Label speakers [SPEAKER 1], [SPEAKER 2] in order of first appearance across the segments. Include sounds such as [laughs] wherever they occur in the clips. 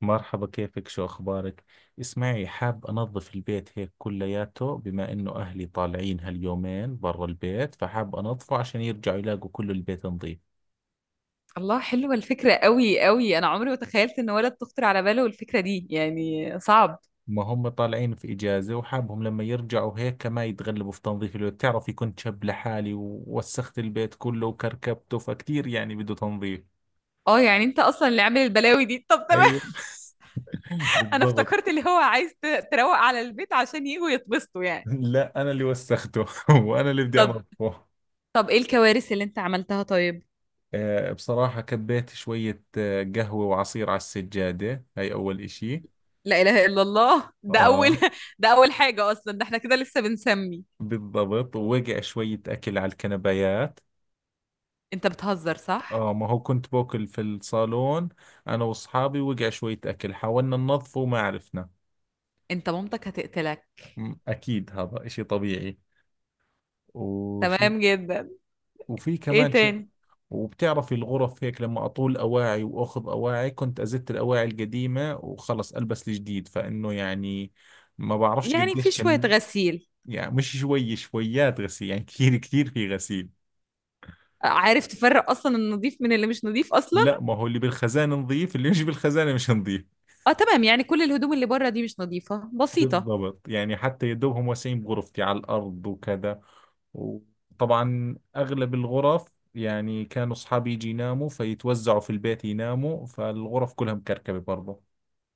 [SPEAKER 1] مرحبا، كيفك؟ شو أخبارك؟ اسمعي، حاب أنظف البيت هيك كلياته، بما إنه أهلي طالعين هاليومين برا البيت، فحاب أنظفه عشان يرجعوا يلاقوا كل البيت نظيف.
[SPEAKER 2] الله، حلوة الفكرة قوي قوي. أنا عمري ما تخيلت إن ولد تخطر على باله الفكرة دي، يعني صعب.
[SPEAKER 1] ما هم طالعين في إجازة، وحابهم لما يرجعوا هيك ما يتغلبوا في تنظيف البيت. بتعرفي كنت شاب لحالي ووسخت البيت كله وكركبته، فكتير يعني بده تنظيف.
[SPEAKER 2] اه، يعني انت اصلا اللي عامل البلاوي دي. طب تمام.
[SPEAKER 1] ايوه.
[SPEAKER 2] [laughs]
[SPEAKER 1] [laughs]
[SPEAKER 2] انا
[SPEAKER 1] بالضبط.
[SPEAKER 2] افتكرت اللي هو عايز تروق على البيت عشان يجوا يتبسطوا يعني.
[SPEAKER 1] لا، أنا اللي وسخته، [laughs] وأنا اللي بدي
[SPEAKER 2] طب
[SPEAKER 1] أنظفه.
[SPEAKER 2] طب ايه الكوارث اللي انت عملتها؟ طيب.
[SPEAKER 1] آه، بصراحة كبيت شوية قهوة وعصير على السجادة. هاي أول إشي.
[SPEAKER 2] لا اله الا الله، ده اول
[SPEAKER 1] آه،
[SPEAKER 2] [laughs] ده اول حاجة اصلا، ده احنا كده لسه بنسمي.
[SPEAKER 1] بالضبط. ووقع شوية أكل على الكنبايات.
[SPEAKER 2] انت بتهزر، صح؟
[SPEAKER 1] آه، ما هو كنت باكل في الصالون أنا وأصحابي. وقع شوية أكل حاولنا ننظفه وما عرفنا.
[SPEAKER 2] انت مامتك هتقتلك.
[SPEAKER 1] أكيد هذا إشي طبيعي. وشو؟
[SPEAKER 2] تمام جدا.
[SPEAKER 1] وفي
[SPEAKER 2] ايه
[SPEAKER 1] كمان شيء.
[SPEAKER 2] تاني؟
[SPEAKER 1] وبتعرفي الغرف هيك لما أطول أواعي وأخذ أواعي، كنت أزت الأواعي القديمة وخلص ألبس الجديد، فإنه يعني ما بعرفش
[SPEAKER 2] يعني في
[SPEAKER 1] قديش
[SPEAKER 2] شوية
[SPEAKER 1] كم.
[SPEAKER 2] غسيل.
[SPEAKER 1] يعني مش شوية، شويات غسيل، يعني كثير كثير في غسيل.
[SPEAKER 2] عارف تفرق اصلا النظيف من اللي مش نظيف اصلا؟
[SPEAKER 1] لا، ما هو اللي بالخزانة نظيف، اللي مش بالخزانة مش نظيف.
[SPEAKER 2] اه تمام، يعني كل الهدوم اللي بره دي مش نظيفة، بسيطة.
[SPEAKER 1] بالضبط، يعني حتى يا دوبهم واسعين بغرفتي على الأرض وكذا. وطبعا أغلب الغرف يعني كانوا أصحابي يجي يناموا فيتوزعوا في البيت يناموا، فالغرف كلها مكركبة برضه.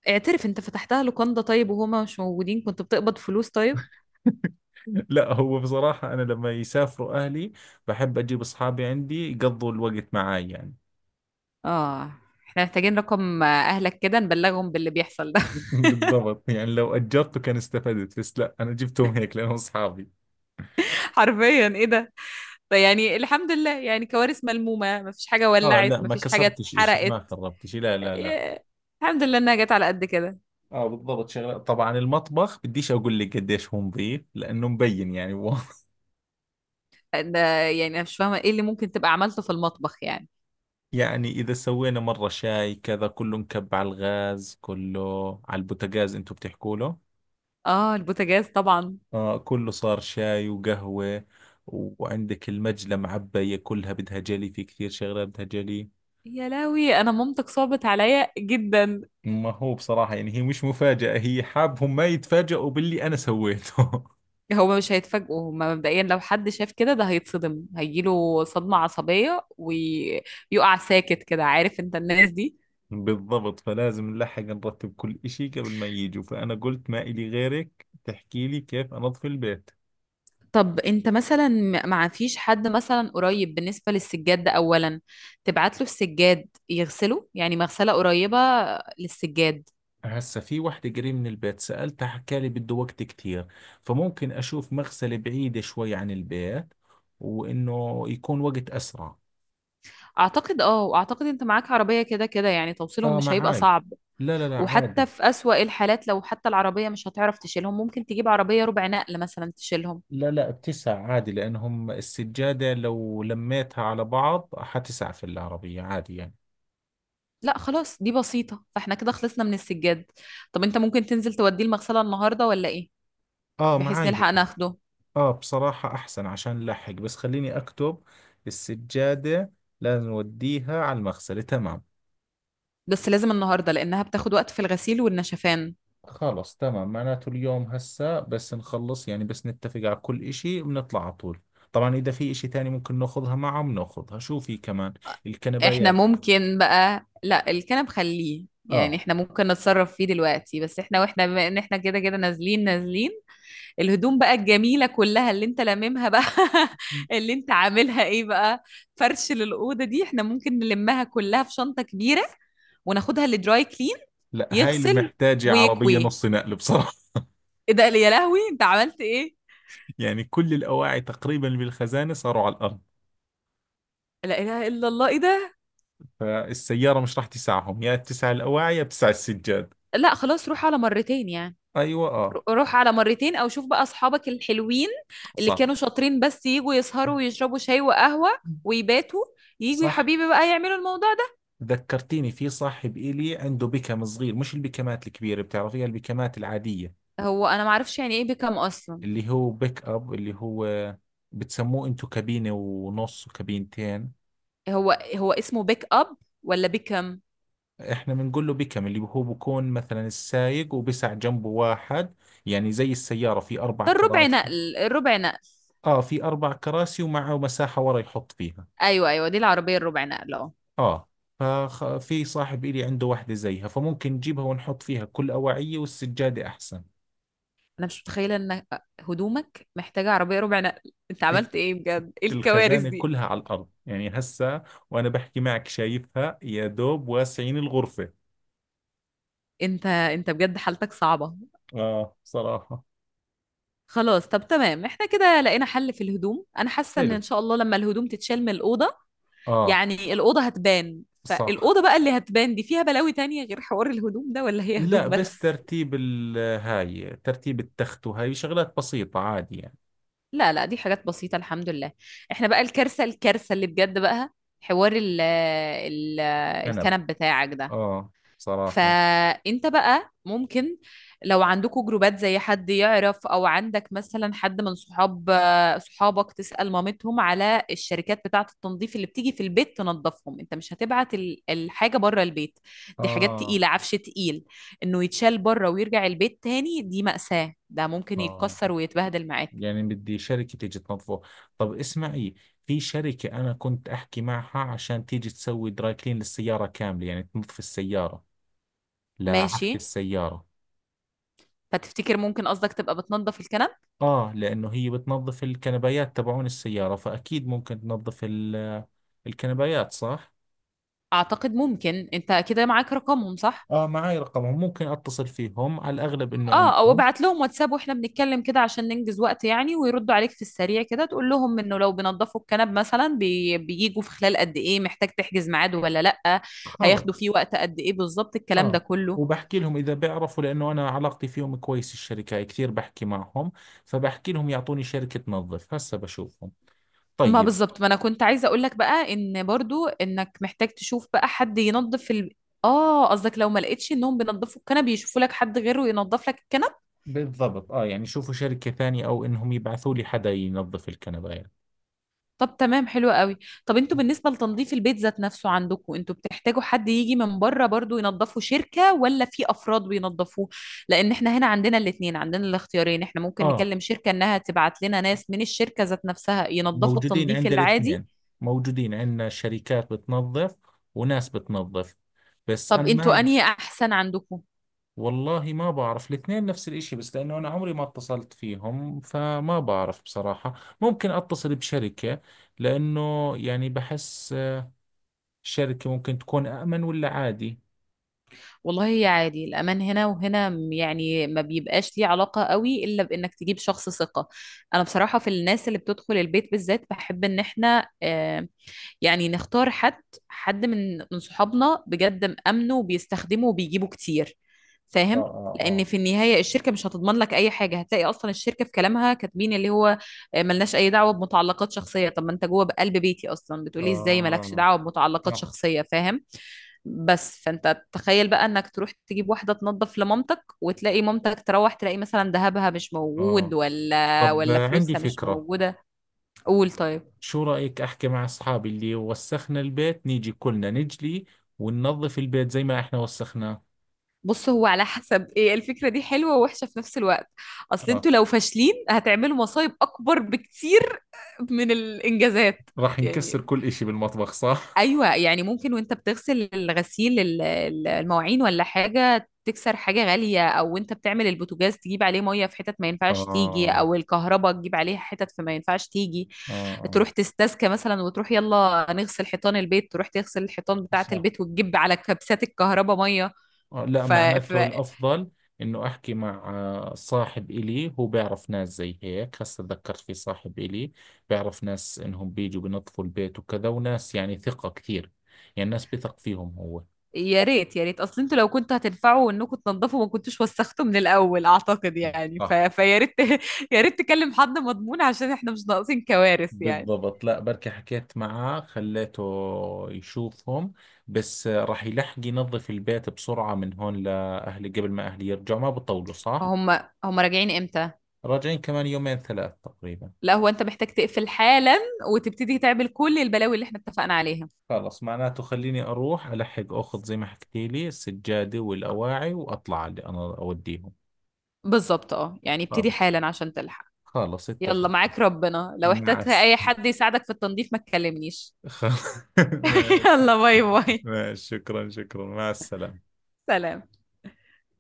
[SPEAKER 2] اعترف، انت فتحتها لوكاندا طيب وهما مش موجودين؟ كنت بتقبض فلوس؟ طيب.
[SPEAKER 1] [laughs] لا، هو بصراحة أنا لما يسافروا أهلي بحب أجيب أصحابي عندي يقضوا الوقت معاي يعني.
[SPEAKER 2] اه. احنا محتاجين رقم اهلك كده نبلغهم باللي بيحصل ده. [laughs]
[SPEAKER 1] [laughs] بالضبط، يعني لو أجرته كان استفدت، بس لا، أنا جبتهم هيك لأنهم أصحابي.
[SPEAKER 2] حرفيا ايه ده؟ طيب يعني الحمد لله، يعني كوارث ملمومة، مفيش حاجة
[SPEAKER 1] اه،
[SPEAKER 2] ولعت،
[SPEAKER 1] لا، ما
[SPEAKER 2] مفيش حاجة
[SPEAKER 1] كسرتش اشي، ما
[SPEAKER 2] اتحرقت.
[SPEAKER 1] خربت اشي، لا، لا، لا.
[SPEAKER 2] ياه. الحمد لله انها جت على قد كده.
[SPEAKER 1] اه، بالضبط. شغلات، طبعا المطبخ بديش اقول لك قديش هو نظيف لانه مبين يعني واضح.
[SPEAKER 2] ده. يعني انا مش فاهمة ايه اللي ممكن تبقى عملته في المطبخ يعني.
[SPEAKER 1] [laughs] يعني اذا سوينا مرة شاي كذا كله مكب على الغاز، كله على البوتاجاز، انتم بتحكوا له.
[SPEAKER 2] اه، البوتاجاز طبعا.
[SPEAKER 1] اه، كله صار شاي وقهوة. وعندك المجلة معبية كلها بدها جلي، في كثير شغلات بدها جلي.
[SPEAKER 2] يا لهوي، انا مامتك صعبت عليا جدا.
[SPEAKER 1] ما هو بصراحة يعني هي مش مفاجأة، هي حابهم ما يتفاجئوا باللي انا سويته. [laughs]
[SPEAKER 2] هو مش هيتفاجئوا، هما مبدئيا لو حد شاف كده ده هيتصدم، هيجيله صدمة عصبية ويقع ساكت كده، عارف انت الناس دي.
[SPEAKER 1] بالضبط، فلازم نلحق نرتب كل إشي قبل ما يجوا. فأنا قلت ما إلي غيرك تحكي لي كيف أنظف البيت.
[SPEAKER 2] طب انت مثلا ما فيش حد مثلا قريب؟ بالنسبة للسجاد ده اولا، تبعت له السجاد يغسله، يعني مغسلة قريبة للسجاد.
[SPEAKER 1] هسا في وحدة قريب من البيت سألتها حكى لي بده وقت كتير، فممكن أشوف مغسلة بعيدة شوي عن البيت، وإنه يكون وقت أسرع.
[SPEAKER 2] اعتقد اه، واعتقد انت معاك عربية كده كده، يعني توصيلهم
[SPEAKER 1] آه،
[SPEAKER 2] مش هيبقى
[SPEAKER 1] معاي.
[SPEAKER 2] صعب.
[SPEAKER 1] لا، لا، لا،
[SPEAKER 2] وحتى
[SPEAKER 1] عادي.
[SPEAKER 2] في اسوأ الحالات، لو حتى العربية مش هتعرف تشيلهم، ممكن تجيب عربية ربع نقل مثلا تشيلهم.
[SPEAKER 1] لا، لا، بتسع عادي، لأنهم السجادة لو لميتها على بعض حتسع في العربية عادي يعني.
[SPEAKER 2] لا خلاص دي بسيطة، فاحنا كده خلصنا من السجاد. طب انت ممكن تنزل توديه المغسلة النهاردة ولا ايه؟
[SPEAKER 1] آه،
[SPEAKER 2] بحيث
[SPEAKER 1] معاي
[SPEAKER 2] نلحق
[SPEAKER 1] وقت.
[SPEAKER 2] ناخده.
[SPEAKER 1] اه، بصراحة احسن عشان نلحق، بس خليني اكتب. السجادة لازم نوديها على المغسلة. تمام.
[SPEAKER 2] بس لازم النهاردة لانها بتاخد وقت في الغسيل والنشفان.
[SPEAKER 1] خلص، تمام، معناته اليوم هسا، بس نخلص يعني، بس نتفق على كل اشي بنطلع على طول. طبعا اذا في اشي تاني ممكن ناخذها معه بناخذها. شو في كمان؟
[SPEAKER 2] احنا
[SPEAKER 1] الكنبايات.
[SPEAKER 2] ممكن بقى، لا الكنب خليه يعني
[SPEAKER 1] اه،
[SPEAKER 2] احنا ممكن نتصرف فيه دلوقتي، بس احنا واحنا بما ان احنا كده كده نازلين نازلين، الهدوم بقى الجميلة كلها اللي انت لاممها بقى، [laughs] اللي انت عاملها ايه بقى، فرش للأوضة دي احنا ممكن نلمها كلها في شنطة كبيرة وناخدها لدراي كلين.
[SPEAKER 1] لا، هاي اللي
[SPEAKER 2] يغسل
[SPEAKER 1] محتاجة عربية
[SPEAKER 2] ويكوي.
[SPEAKER 1] نص نقل بصراحة.
[SPEAKER 2] ايه ده يا لهوي، انت عملت ايه؟
[SPEAKER 1] [laughs] يعني كل الأواعي تقريبا اللي بالخزانة صاروا على الأرض،
[SPEAKER 2] لا اله الا الله، ايه ده؟
[SPEAKER 1] فالسيارة مش راح تسعهم، يا تسع الأواعي يا تسع السجاد.
[SPEAKER 2] لا خلاص روح على مرتين يعني.
[SPEAKER 1] أيوة. آه.
[SPEAKER 2] روح على مرتين، او شوف بقى اصحابك الحلوين اللي
[SPEAKER 1] صح
[SPEAKER 2] كانوا شاطرين بس يجوا يسهروا ويشربوا شاي وقهوة ويباتوا، يجوا يا
[SPEAKER 1] صح.
[SPEAKER 2] حبيبي بقى يعملوا الموضوع ده.
[SPEAKER 1] ذكرتيني في صاحب إلي عنده بيكم صغير، مش البيكمات الكبيرة، بتعرفيها البيكمات العادية.
[SPEAKER 2] هو انا معرفش يعني ايه بيكم اصلا؟
[SPEAKER 1] اللي هو بيك أب، اللي هو بتسموه أنتو كابينة ونص وكابينتين.
[SPEAKER 2] هو هو اسمه بيك اب ولا بيكم؟
[SPEAKER 1] إحنا بنقول له بيكم، اللي هو بكون مثلا السايق وبسع جنبه واحد، يعني زي السيارة في أربع
[SPEAKER 2] ده الربع
[SPEAKER 1] كراسي.
[SPEAKER 2] نقل الربع نقل.
[SPEAKER 1] آه، في أربع كراسي ومعه مساحة ورا يحط فيها.
[SPEAKER 2] ايوه، ايوه، دي العربيه الربع نقل اه.
[SPEAKER 1] آه. ففي صاحب إلي عنده واحدة زيها، فممكن نجيبها ونحط فيها كل أواعية والسجادة أحسن.
[SPEAKER 2] انا مش متخيله ان هدومك محتاجه عربيه ربع نقل، انت عملت ايه بجد؟ ايه الكوارث
[SPEAKER 1] الخزانة
[SPEAKER 2] دي؟
[SPEAKER 1] كلها على الأرض يعني هسا. وأنا بحكي معك شايفها، يا دوب واسعين الغرفة.
[SPEAKER 2] انت بجد حالتك صعبه.
[SPEAKER 1] آه، صراحة.
[SPEAKER 2] خلاص طب تمام، احنا كده لقينا حل في الهدوم. انا حاسه ان
[SPEAKER 1] حلو.
[SPEAKER 2] ان شاء الله لما الهدوم تتشال من الاوضه،
[SPEAKER 1] آه.
[SPEAKER 2] يعني الاوضه هتبان.
[SPEAKER 1] صح.
[SPEAKER 2] فالاوضه بقى اللي هتبان دي فيها بلاوي تانية غير حوار الهدوم ده، ولا هي
[SPEAKER 1] لا،
[SPEAKER 2] هدوم
[SPEAKER 1] بس
[SPEAKER 2] بس؟
[SPEAKER 1] ترتيب هاي ترتيب التخت، وهاي شغلات بسيطة عادي يعني.
[SPEAKER 2] لا، لا، دي حاجات بسيطة، الحمد لله. احنا بقى الكارثة الكارثة اللي بجد بقى، حوار ال
[SPEAKER 1] كنب.
[SPEAKER 2] الكنب بتاعك ده.
[SPEAKER 1] آه. صراحة.
[SPEAKER 2] فانت بقى ممكن، لو عندكوا جروبات زي حد يعرف، او عندك مثلا حد من صحابك تسأل مامتهم على الشركات بتاعة التنظيف اللي بتيجي في البيت تنظفهم. انت مش هتبعت الحاجة بره البيت، دي حاجات
[SPEAKER 1] آه،
[SPEAKER 2] تقيلة، عفش تقيل، انه يتشال بره ويرجع البيت تاني، دي مأساة. ده ممكن
[SPEAKER 1] آه.
[SPEAKER 2] يتكسر ويتبهدل معاك.
[SPEAKER 1] يعني بدي شركة تيجي تنظفه. طب اسمعي، في شركة أنا كنت أحكي معها عشان تيجي تسوي دراي كلين للسيارة كاملة، يعني تنظف السيارة، لعفش
[SPEAKER 2] ماشي.
[SPEAKER 1] السيارة.
[SPEAKER 2] فتفتكر ممكن قصدك تبقى بتنظف الكنب؟
[SPEAKER 1] آه، لأنه هي بتنظف الكنبايات تبعون السيارة، فأكيد ممكن تنظف الكنبايات، صح؟
[SPEAKER 2] اعتقد ممكن. انت كده معاك رقمهم، صح؟
[SPEAKER 1] آه، معي رقمهم، ممكن أتصل فيهم على الأغلب إنه
[SPEAKER 2] اه، او
[SPEAKER 1] عندهم.
[SPEAKER 2] ابعت لهم واتساب واحنا بنتكلم كده عشان ننجز وقت يعني، ويردوا عليك في السريع كده. تقول لهم انه لو بينضفوا الكنب مثلا، بيجوا في خلال قد ايه؟ محتاج تحجز ميعاد ولا لا؟
[SPEAKER 1] خلص.
[SPEAKER 2] هياخدوا فيه وقت قد ايه بالظبط، الكلام
[SPEAKER 1] آه،
[SPEAKER 2] ده كله.
[SPEAKER 1] وبحكي لهم إذا بيعرفوا، لأنه أنا علاقتي فيهم كويس، الشركة كثير بحكي معهم. فبحكي لهم يعطوني شركة تنظف، هسا بشوفهم.
[SPEAKER 2] ما
[SPEAKER 1] طيب.
[SPEAKER 2] بالظبط، ما انا كنت عايزه اقول لك بقى ان برضو انك محتاج تشوف بقى حد ينظف. اه قصدك لو ما لقيتش انهم بينظفوا الكنب يشوفوا لك حد غيره ينظف لك الكنب.
[SPEAKER 1] بالضبط، آه، يعني شوفوا شركة ثانية أو إنهم يبعثوا لي حدا ينظف الكنبايات.
[SPEAKER 2] طب تمام، حلو قوي. طب انتوا بالنسبة لتنظيف البيت ذات نفسه، عندكم انتوا بتحتاجوا حد يجي من بره برضو ينظفوا، شركة ولا في افراد بينظفوه؟ لان احنا هنا عندنا الاتنين، عندنا الاختيارين، احنا ممكن
[SPEAKER 1] آه،
[SPEAKER 2] نكلم شركة انها تبعت لنا ناس من الشركة ذات نفسها ينظفوا
[SPEAKER 1] موجودين
[SPEAKER 2] التنظيف
[SPEAKER 1] عند
[SPEAKER 2] العادي.
[SPEAKER 1] الاثنين. موجودين عندنا شركات بتنظف، وناس بتنظف. بس
[SPEAKER 2] طب
[SPEAKER 1] أنا
[SPEAKER 2] انتوا
[SPEAKER 1] ما.
[SPEAKER 2] انهي احسن عندكم؟
[SPEAKER 1] والله ما بعرف، الاثنين نفس الإشي، بس لأنه أنا عمري ما اتصلت فيهم فما بعرف بصراحة. ممكن أتصل بشركة، لأنه يعني بحس شركة ممكن تكون أأمن ولا عادي.
[SPEAKER 2] والله هي عادي، الأمان هنا وهنا يعني ما بيبقاش ليه علاقة قوي إلا بإنك تجيب شخص ثقة. أنا بصراحة في الناس اللي بتدخل البيت بالذات بحب إن إحنا يعني نختار حد، حد من صحابنا بجد مأمنه وبيستخدمه وبيجيبه كتير.
[SPEAKER 1] اه،
[SPEAKER 2] فاهم؟ لان
[SPEAKER 1] اه،
[SPEAKER 2] في النهايه الشركه مش هتضمن لك اي حاجه، هتلاقي اصلا الشركه في كلامها كاتبين اللي هو ملناش اي دعوه بمتعلقات شخصيه. طب ما انت جوه بقلب بيتي اصلا
[SPEAKER 1] اه،
[SPEAKER 2] بتقولي ازاي مالكش
[SPEAKER 1] آه،
[SPEAKER 2] دعوه بمتعلقات
[SPEAKER 1] صح،
[SPEAKER 2] شخصيه؟ فاهم؟ بس فانت تخيل بقى انك تروح تجيب واحده تنظف لمامتك، وتلاقي مامتك تروح تلاقي مثلا ذهبها مش موجود،
[SPEAKER 1] آه.
[SPEAKER 2] ولا
[SPEAKER 1] طب
[SPEAKER 2] ولا
[SPEAKER 1] عندي
[SPEAKER 2] فلوسها مش
[SPEAKER 1] فكرة.
[SPEAKER 2] موجوده. قول طيب.
[SPEAKER 1] شو رأيك أحكي مع أصحابي اللي وسخنا البيت، نيجي كلنا نجلي وننظف البيت زي ما إحنا وسخناه.
[SPEAKER 2] بص هو على حسب، ايه الفكرة دي حلوة ووحشة في نفس الوقت. اصل
[SPEAKER 1] آه.
[SPEAKER 2] انتوا لو فاشلين هتعملوا مصايب اكبر بكتير من الانجازات.
[SPEAKER 1] راح نكسر
[SPEAKER 2] يعني
[SPEAKER 1] كل إشي بالمطبخ، صح؟
[SPEAKER 2] ايوه، يعني ممكن وانت بتغسل الغسيل المواعين ولا حاجة تكسر حاجة غالية، او انت بتعمل البوتاجاز تجيب عليه مية في حتت ما ينفعش تيجي،
[SPEAKER 1] آه،
[SPEAKER 2] او الكهرباء تجيب عليها حتت في ما ينفعش تيجي.
[SPEAKER 1] آه، آه،
[SPEAKER 2] تروح تستسكى مثلا، وتروح يلا نغسل حيطان البيت، تروح تغسل الحيطان بتاعة
[SPEAKER 1] صح،
[SPEAKER 2] البيت وتجيب على كبسات الكهرباء مية.
[SPEAKER 1] آه، لا،
[SPEAKER 2] ف... ف...
[SPEAKER 1] معناته الأفضل إنه أحكي مع صاحب إلي هو بيعرف ناس زي هيك. هسا تذكرت في صاحب إلي بيعرف ناس إنهم بيجوا بنظفوا البيت وكذا، وناس يعني ثقة كثير، يعني ناس بثق فيهم هو.
[SPEAKER 2] يا ريت يا ريت، اصل انتوا لو كنتوا هتنفعوا انكم تنضفوا ما كنتوش وسختوا من الاول، اعتقد يعني
[SPEAKER 1] صح.
[SPEAKER 2] فيا ريت. [laughs] يا ريت تكلم حد مضمون عشان احنا مش ناقصين كوارث يعني.
[SPEAKER 1] بالضبط، لا، بركي حكيت معاه خليته يشوفهم، بس راح يلحق ينظف البيت بسرعة من هون لأهلي قبل ما أهلي يرجعوا ما بطولوا، صح؟
[SPEAKER 2] هم هم راجعين امتى؟
[SPEAKER 1] راجعين كمان يومين ثلاث تقريبا.
[SPEAKER 2] لا هو انت محتاج تقفل حالا وتبتدي تعمل كل البلاوي اللي احنا اتفقنا عليها.
[SPEAKER 1] خلص، معناته خليني أروح ألحق أخذ زي ما حكيتي لي السجادة والأواعي، وأطلع على اللي أنا أوديهم.
[SPEAKER 2] بالظبط اه، يعني ابتدي
[SPEAKER 1] خلص.
[SPEAKER 2] حالا عشان تلحق.
[SPEAKER 1] خلص
[SPEAKER 2] يلا
[SPEAKER 1] اتفق.
[SPEAKER 2] معاك ربنا، لو
[SPEAKER 1] مع
[SPEAKER 2] احتجت
[SPEAKER 1] الس-
[SPEAKER 2] اي حد يساعدك في التنظيف ما تكلمنيش.
[SPEAKER 1] [laughs] خ- [laughs]
[SPEAKER 2] [laughs]
[SPEAKER 1] ماشي.
[SPEAKER 2] يلا باي باي.
[SPEAKER 1] ماشي، شكرا شكرا مع السلامة.
[SPEAKER 2] سلام.